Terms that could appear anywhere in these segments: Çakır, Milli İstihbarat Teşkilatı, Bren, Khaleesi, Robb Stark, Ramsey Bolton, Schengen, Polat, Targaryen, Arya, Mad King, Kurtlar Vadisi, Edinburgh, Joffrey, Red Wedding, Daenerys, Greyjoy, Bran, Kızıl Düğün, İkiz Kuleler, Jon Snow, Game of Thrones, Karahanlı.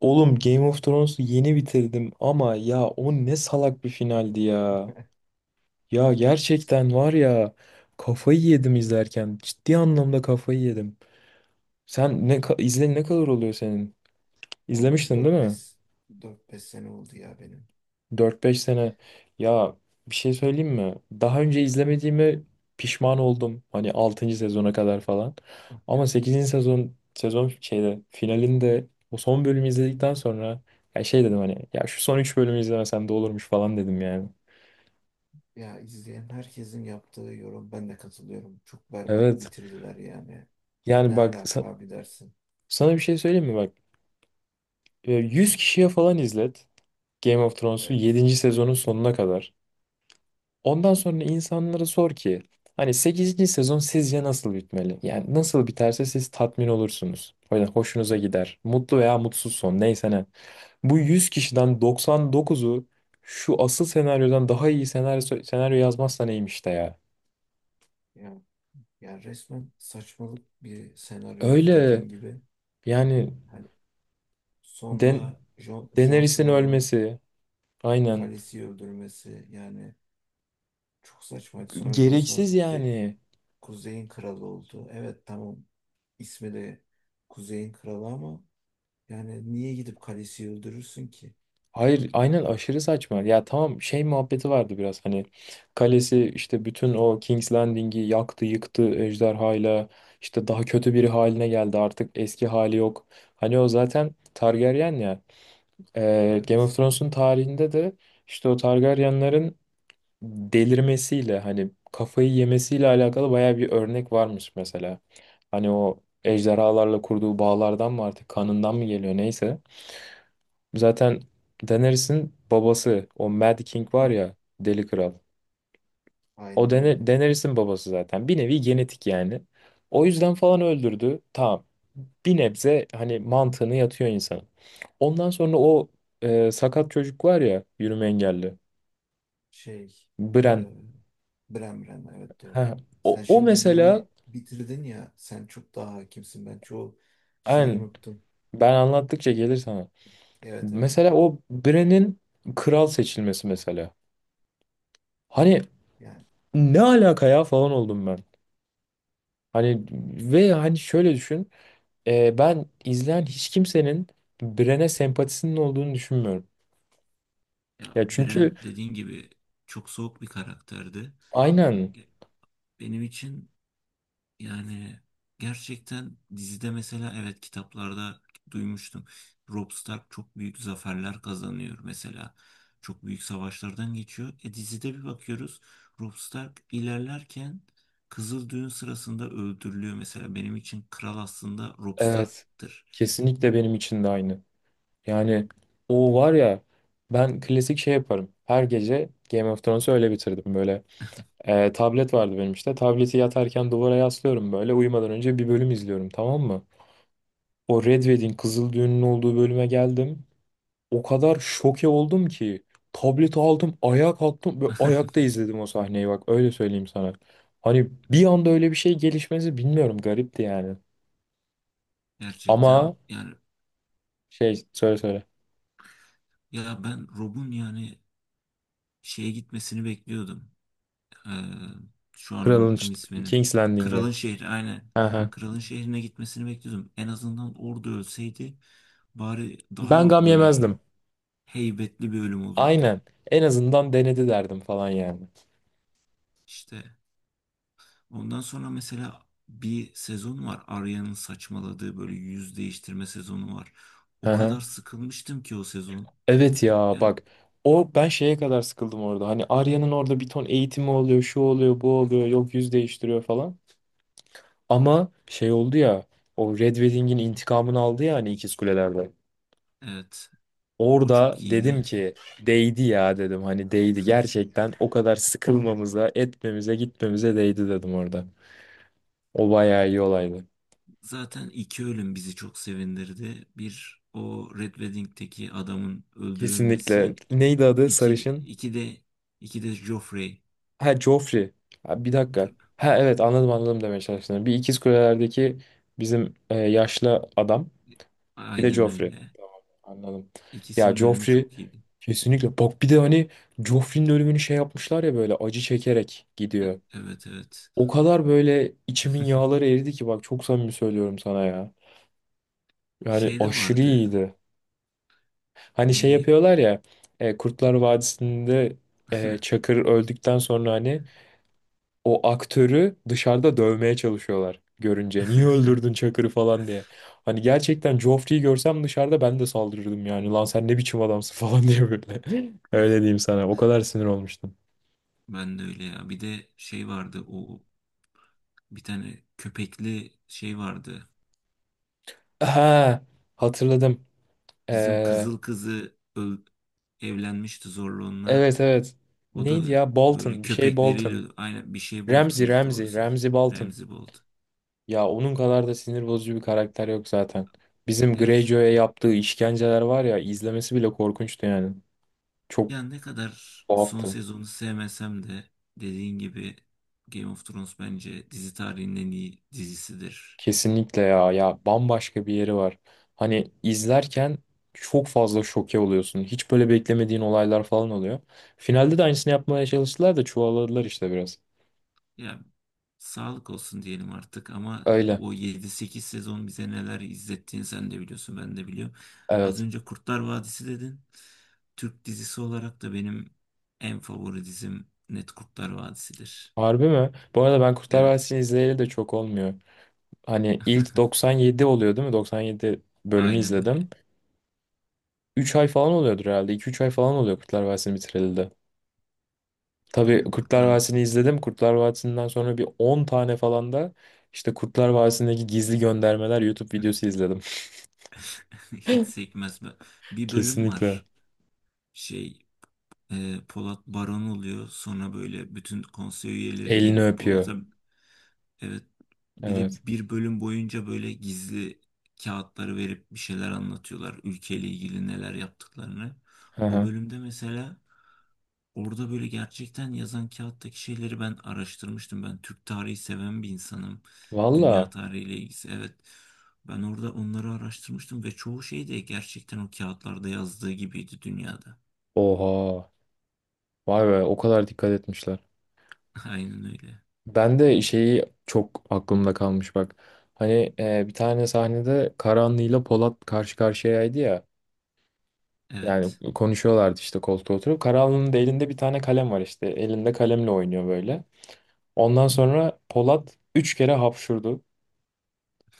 Oğlum Game of Thrones'u yeni bitirdim ama ya o ne salak bir finaldi ya. Ya Evet. gerçekten var ya kafayı yedim izlerken. Ciddi anlamda kafayı yedim. Sen ne kadar oluyor senin? Ben İzlemiştin değil dört mi? beş dört beş sene oldu ya benim. Dört beş sene ya, bir şey söyleyeyim mi? Daha önce izlemediğime pişman oldum. Hani altıncı sezona kadar falan. Ama sekizinci sezon finalinde o son bölümü izledikten sonra ya şey dedim hani ya şu son 3 bölümü izlemesem de olurmuş falan dedim yani. Ya, izleyen herkesin yaptığı yorum, ben de katılıyorum. Çok berbat Evet. bitirdiler yani. Yani Ne bak alaka sa- abi dersin. Sana bir şey söyleyeyim mi bak? 100 kişiye falan izlet Game of Thrones'u Evet. yedinci sezonun sonuna kadar. Ondan sonra insanlara sor ki hani sekizinci sezon sizce nasıl bitmeli? Yani nasıl biterse siz tatmin olursunuz. O yüzden hoşunuza gider. Mutlu veya mutsuz son, neyse ne. Bu 100 kişiden doksan dokuzu şu asıl senaryodan daha iyi senaryo yazmazsa neymiş de ya. Ya Yani resmen saçmalık bir senaryoydu, Öyle dediğin gibi. yani. Hani Den sonda Jon Daenerys'in Snow'un ölmesi, aynen, Khaleesi'yi öldürmesi yani çok saçmaydı. Sonra Jon Snow gereksiz gitti, yani. Kuzey'in kralı oldu. Evet, tamam, ismi de Kuzey'in kralı, ama yani niye gidip Khaleesi'yi öldürürsün ki? Hayır aynen, aşırı saçma. Ya tamam, şey muhabbeti vardı biraz hani kalesi işte bütün o King's Landing'i yaktı yıktı ejderhayla, işte daha kötü biri haline geldi artık, eski hali yok. Hani o zaten Targaryen ya. Game of Evet. Thrones'un tarihinde de işte o Targaryenların delirmesiyle hani kafayı yemesiyle alakalı baya bir örnek varmış mesela. Hani o ejderhalarla kurduğu bağlardan mı artık kanından mı geliyor neyse. Zaten Daenerys'in babası o Mad King var Hı. ya, Deli Kral. Aynen öyle. Daenerys'in babası zaten. Bir nevi genetik yani. O yüzden falan öldürdü. Tamam. Bir nebze hani mantığını yatıyor insanın. Ondan sonra o sakat çocuk var ya, yürüme engelli. Şey, Bren. e, Bran evet, doğru. Heh. O, Sen o şimdi mesela, yeni bitirdin ya, sen çok daha hakimsin, ben çoğu şeyi aynen, unuttum. ben anlattıkça gelir sana. Evet evet. Mesela o Bren'in kral seçilmesi mesela. Hani Yani. ne alaka ya falan oldum ben. Hani ve hani Şöyle düşün. Ben izleyen hiç kimsenin Bren'e sempatisinin olduğunu düşünmüyorum. Ya, Ya çünkü Bren dediğin gibi çok soğuk bir karakterdi. aynen, Ge-, benim için yani gerçekten dizide, mesela evet, kitaplarda duymuştum. Robb Stark çok büyük zaferler kazanıyor mesela. Çok büyük savaşlardan geçiyor. E, dizide bir bakıyoruz, Robb Stark ilerlerken Kızıl Düğün sırasında öldürülüyor mesela. Benim için kral aslında Robb evet Stark'tır. kesinlikle benim için de aynı. Yani o var ya, ben klasik şey yaparım. Her gece Game of Thrones'u öyle bitirdim böyle. Tablet vardı benim işte. Tableti yatarken duvara yaslıyorum böyle. Uyumadan önce bir bölüm izliyorum tamam mı? O Red Wedding, Kızıl Düğün'ün olduğu bölüme geldim. O kadar şoke oldum ki tableti aldım, ayağa kalktım ve ayakta izledim o sahneyi, bak öyle söyleyeyim sana. Hani bir anda öyle bir şey gelişmesi, bilmiyorum, garipti yani. Gerçekten Ama yani. Söyle. Ya ben Rob'un yani şeye gitmesini bekliyordum. Ee, şu an unuttum ismini. King's Landing'i. Kralın şehri aynen. Hı hı. Kralın şehrine gitmesini bekliyordum. En azından orada ölseydi bari Ben daha gam böyle yemezdim. heybetli bir ölüm olurdu. Aynen. En azından denedi derdim falan yani. İşte ondan sonra mesela bir sezon var. Arya'nın saçmaladığı böyle yüz değiştirme sezonu var. Hı O hı. kadar sıkılmıştım ki o sezon. Evet ya Yani bak, o ben şeye kadar sıkıldım orada. Hani Arya'nın orada bir ton eğitimi oluyor, şu oluyor, bu oluyor, yok yüz değiştiriyor falan. Ama şey oldu ya, o Red Wedding'in intikamını aldı ya hani, İkiz Kuleler'de. evet, o Orada çok dedim iyiydi. ki değdi ya, dedim hani değdi gerçekten, o kadar sıkılmamıza etmemize gitmemize değdi dedim orada. O bayağı iyi olaydı. Zaten iki ölüm bizi çok sevindirdi. Bir, o Red Wedding'teki adamın Kesinlikle. öldürülmesi. Neydi adı İki, sarışın? iki de iki de Joffrey. Ha, Joffrey. Ha, bir dakika. Kır-, Ha evet, anladım anladım demeye çalıştım. Bir İkiz Kuleler'deki bizim yaşlı adam. Bir de aynen Joffrey. öyle. Tamam, anladım. Ya İkisinin ölümü Joffrey, çok iyiydi. kesinlikle. Bak bir de hani Joffrey'nin ölümünü şey yapmışlar ya, böyle acı çekerek gidiyor. Evet evet. O kadar böyle içimin yağları eridi ki bak, çok samimi söylüyorum sana ya. Yani Şey de aşırı vardı. iyiydi. Hani şey Bir yapıyorlar ya Kurtlar Vadisi'nde, Çakır öldükten sonra hani o aktörü dışarıda dövmeye çalışıyorlar görünce. Niye öldürdün Çakır'ı falan diye. Hani gerçekten Joffrey'i görsem dışarıda ben de saldırırdım yani. Lan sen ne biçim adamsın falan diye böyle. Öyle diyeyim sana. O kadar sinir olmuştum. ben de öyle ya. Bir de şey vardı. O, bir tane köpekli şey vardı. Ha, hatırladım. Bizim Ee, kızıl kızı öl-, evlenmişti zorla onunla. evet evet. O da Neydi ya? böyle Bolton. Bir şey Bolton. köpekleriyle aynı, bir şey Ramsey Bolton'du Ramsey. doğrusu. Ramsey Bolton. Ramsey Bolton. Ya onun kadar da sinir bozucu bir karakter yok zaten. Bizim Greyjoy'a Gerçekten. yaptığı işkenceler var ya, izlemesi bile korkunçtu yani. Çok Ya, ne kadar son tuhaftı. sezonu sevmesem de, dediğin gibi, Game of Thrones bence dizi tarihinin en iyi dizisidir. Kesinlikle ya, ya bambaşka bir yeri var. Hani izlerken çok fazla şoke oluyorsun. Hiç böyle beklemediğin olaylar falan oluyor. Finalde de aynısını yapmaya çalıştılar da çuvalladılar işte biraz. Ya, sağlık olsun diyelim artık ama Öyle. o yedi sekiz sezon bize neler izlettiğini sen de biliyorsun, ben de biliyorum. Az Evet. önce Kurtlar Vadisi dedin. Türk dizisi olarak da benim en favori dizim net Kurtlar Vadisi'dir. Harbi mi? Bu arada ben Kurtlar Evet. Vadisi'ni izleyeli de çok olmuyor. Hani ilk 97 oluyor değil mi? 97 bölümü Aynen öyle. izledim. Üç ay falan oluyordur herhalde. İki üç ay falan oluyor Kurtlar Vadisi'ni bitireli de. Tabii Kurtlar Kurtlar Vadisi'ni izledim. Kurtlar Vadisi'nden sonra bir 10 tane falan da işte Kurtlar Vadisi'ndeki gizli göndermeler YouTube videosu izledim. hiç sekmez be. Bir bölüm Kesinlikle. var. Şey, Polat Baron oluyor. Sonra böyle bütün konsey üyeleri Elini gelip öpüyor. Polat'a. Evet. Bir Evet. de bir bölüm boyunca böyle gizli kağıtları verip bir şeyler anlatıyorlar. Ülkeyle ilgili neler yaptıklarını. Hı O hı. bölümde mesela orada böyle gerçekten yazan kağıttaki şeyleri ben araştırmıştım. Ben Türk tarihi seven bir insanım. Dünya Valla. tarihiyle ilgisi evet. Ben orada onları araştırmıştım ve çoğu şey de gerçekten o kağıtlarda yazdığı gibiydi dünyada. Oha. Vay be, o kadar dikkat etmişler. Aynen öyle. Ben de şeyi çok aklımda kalmış bak. Hani bir tane sahnede Karahanlı'yla Polat karşı karşıyaydı ya. Yani Evet. konuşuyorlardı işte koltuğa oturup. Karahanlı'nın da elinde bir tane kalem var işte. Elinde kalemle oynuyor böyle. Ondan sonra Polat 3 kere hapşurdu.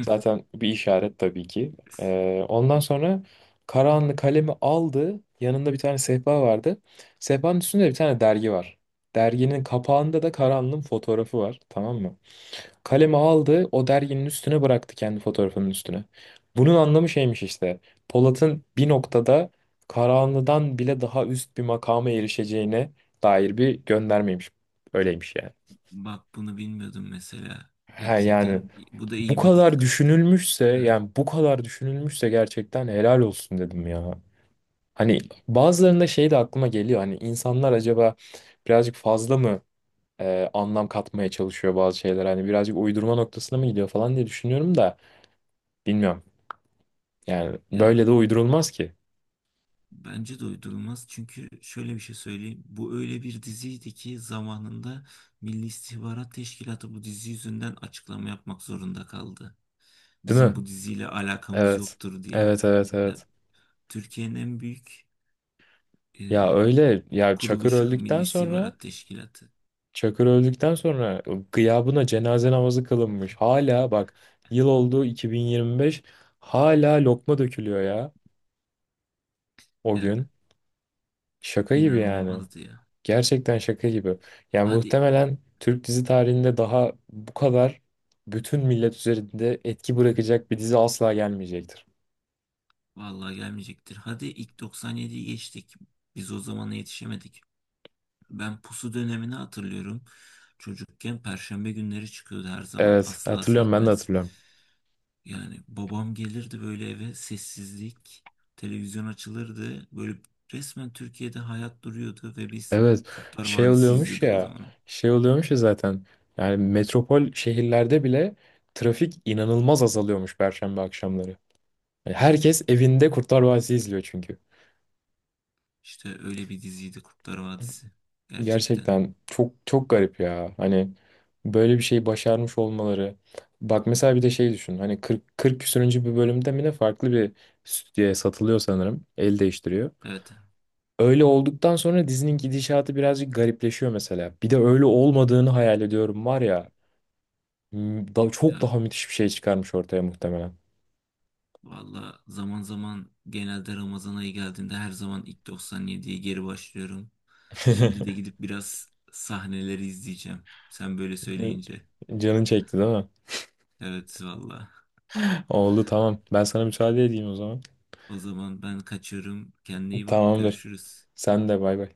Zaten bir işaret tabii ki. Ondan sonra Karahanlı kalemi aldı. Yanında bir tane sehpa vardı. Sehpanın üstünde bir tane dergi var. Derginin kapağında da Karahanlı'nın fotoğrafı var. Tamam mı? Kalemi aldı. O derginin üstüne bıraktı, kendi fotoğrafının üstüne. Bunun anlamı şeymiş işte. Polat'ın bir noktada Karahanlı'dan bile daha üst bir makama erişeceğine dair bir göndermeymiş. Öyleymiş yani. Bak, bunu bilmiyordum mesela. Ha yani. Gerçekten bu da iyi bir dikkat. Evet, Bu kadar düşünülmüşse gerçekten helal olsun dedim ya. Hani bazılarında şey de aklıma geliyor, hani insanlar acaba birazcık fazla mı anlam katmaya çalışıyor bazı şeyler, hani birazcık uydurma noktasına mı gidiyor falan diye düşünüyorum da, bilmiyorum. Yani ya böyle de uydurulmaz ki, bence de uydurulmaz, çünkü şöyle bir şey söyleyeyim. Bu öyle bir diziydi ki zamanında Milli İstihbarat Teşkilatı bu dizi yüzünden açıklama yapmak zorunda kaldı. değil Bizim mi? bu diziyle alakamız Evet. yoktur diye. Evet evet Ya, evet. Türkiye'nin en büyük Ya e, öyle ya, kuruluşu Milli İstihbarat Teşkilatı. Çakır öldükten sonra gıyabına cenaze namazı kılınmış. Hala bak, yıl oldu 2025, hala lokma dökülüyor ya o Ya, gün. Şaka gibi yani. inanılmazdı ya. Gerçekten şaka gibi. Yani Hadi muhtemelen Türk dizi tarihinde daha bu kadar bütün millet üzerinde etki bırakacak bir dizi asla gelmeyecektir. vallahi gelmeyecektir. Hadi ilk 97'yi geçtik. Biz o zamana yetişemedik. Ben pusu dönemini hatırlıyorum. Çocukken perşembe günleri çıkıyordu her zaman, Evet asla hatırlıyorum, ben de sekmez. hatırlıyorum. Yani babam gelirdi böyle eve, sessizlik, televizyon açılırdı. Böyle resmen Türkiye'de hayat duruyordu ve biz Evet Kurtlar şey Vadisi oluyormuş izliyorduk o ya zamanlar. şey oluyormuş ya zaten, yani metropol şehirlerde bile trafik inanılmaz azalıyormuş Perşembe akşamları. Yani herkes evinde Kurtlar Vadisi izliyor çünkü. İşte öyle bir diziydi Kurtlar Vadisi gerçekten. Gerçekten çok çok garip ya hani, böyle bir şey başarmış olmaları. Bak mesela bir de şey düşün, hani 40 küsürüncü bir bölümde mi ne, farklı bir stüdyoya satılıyor, sanırım el değiştiriyor. Evet Öyle olduktan sonra dizinin gidişatı birazcık garipleşiyor mesela. Bir de öyle olmadığını hayal ediyorum var ya. Çok ya. daha müthiş bir şey çıkarmış ortaya muhtemelen. Valla zaman zaman, genelde Ramazan ayı geldiğinde, her zaman ilk 97'ye geri başlıyorum. Şimdi de gidip biraz sahneleri izleyeceğim. Sen böyle söyleyince. Canın çekti değil mi? Evet valla. Oldu tamam. Ben sana müsaade edeyim o zaman. O zaman ben kaçıyorum. Kendine iyi bak. Tamamdır. Görüşürüz. Sen de bay bay.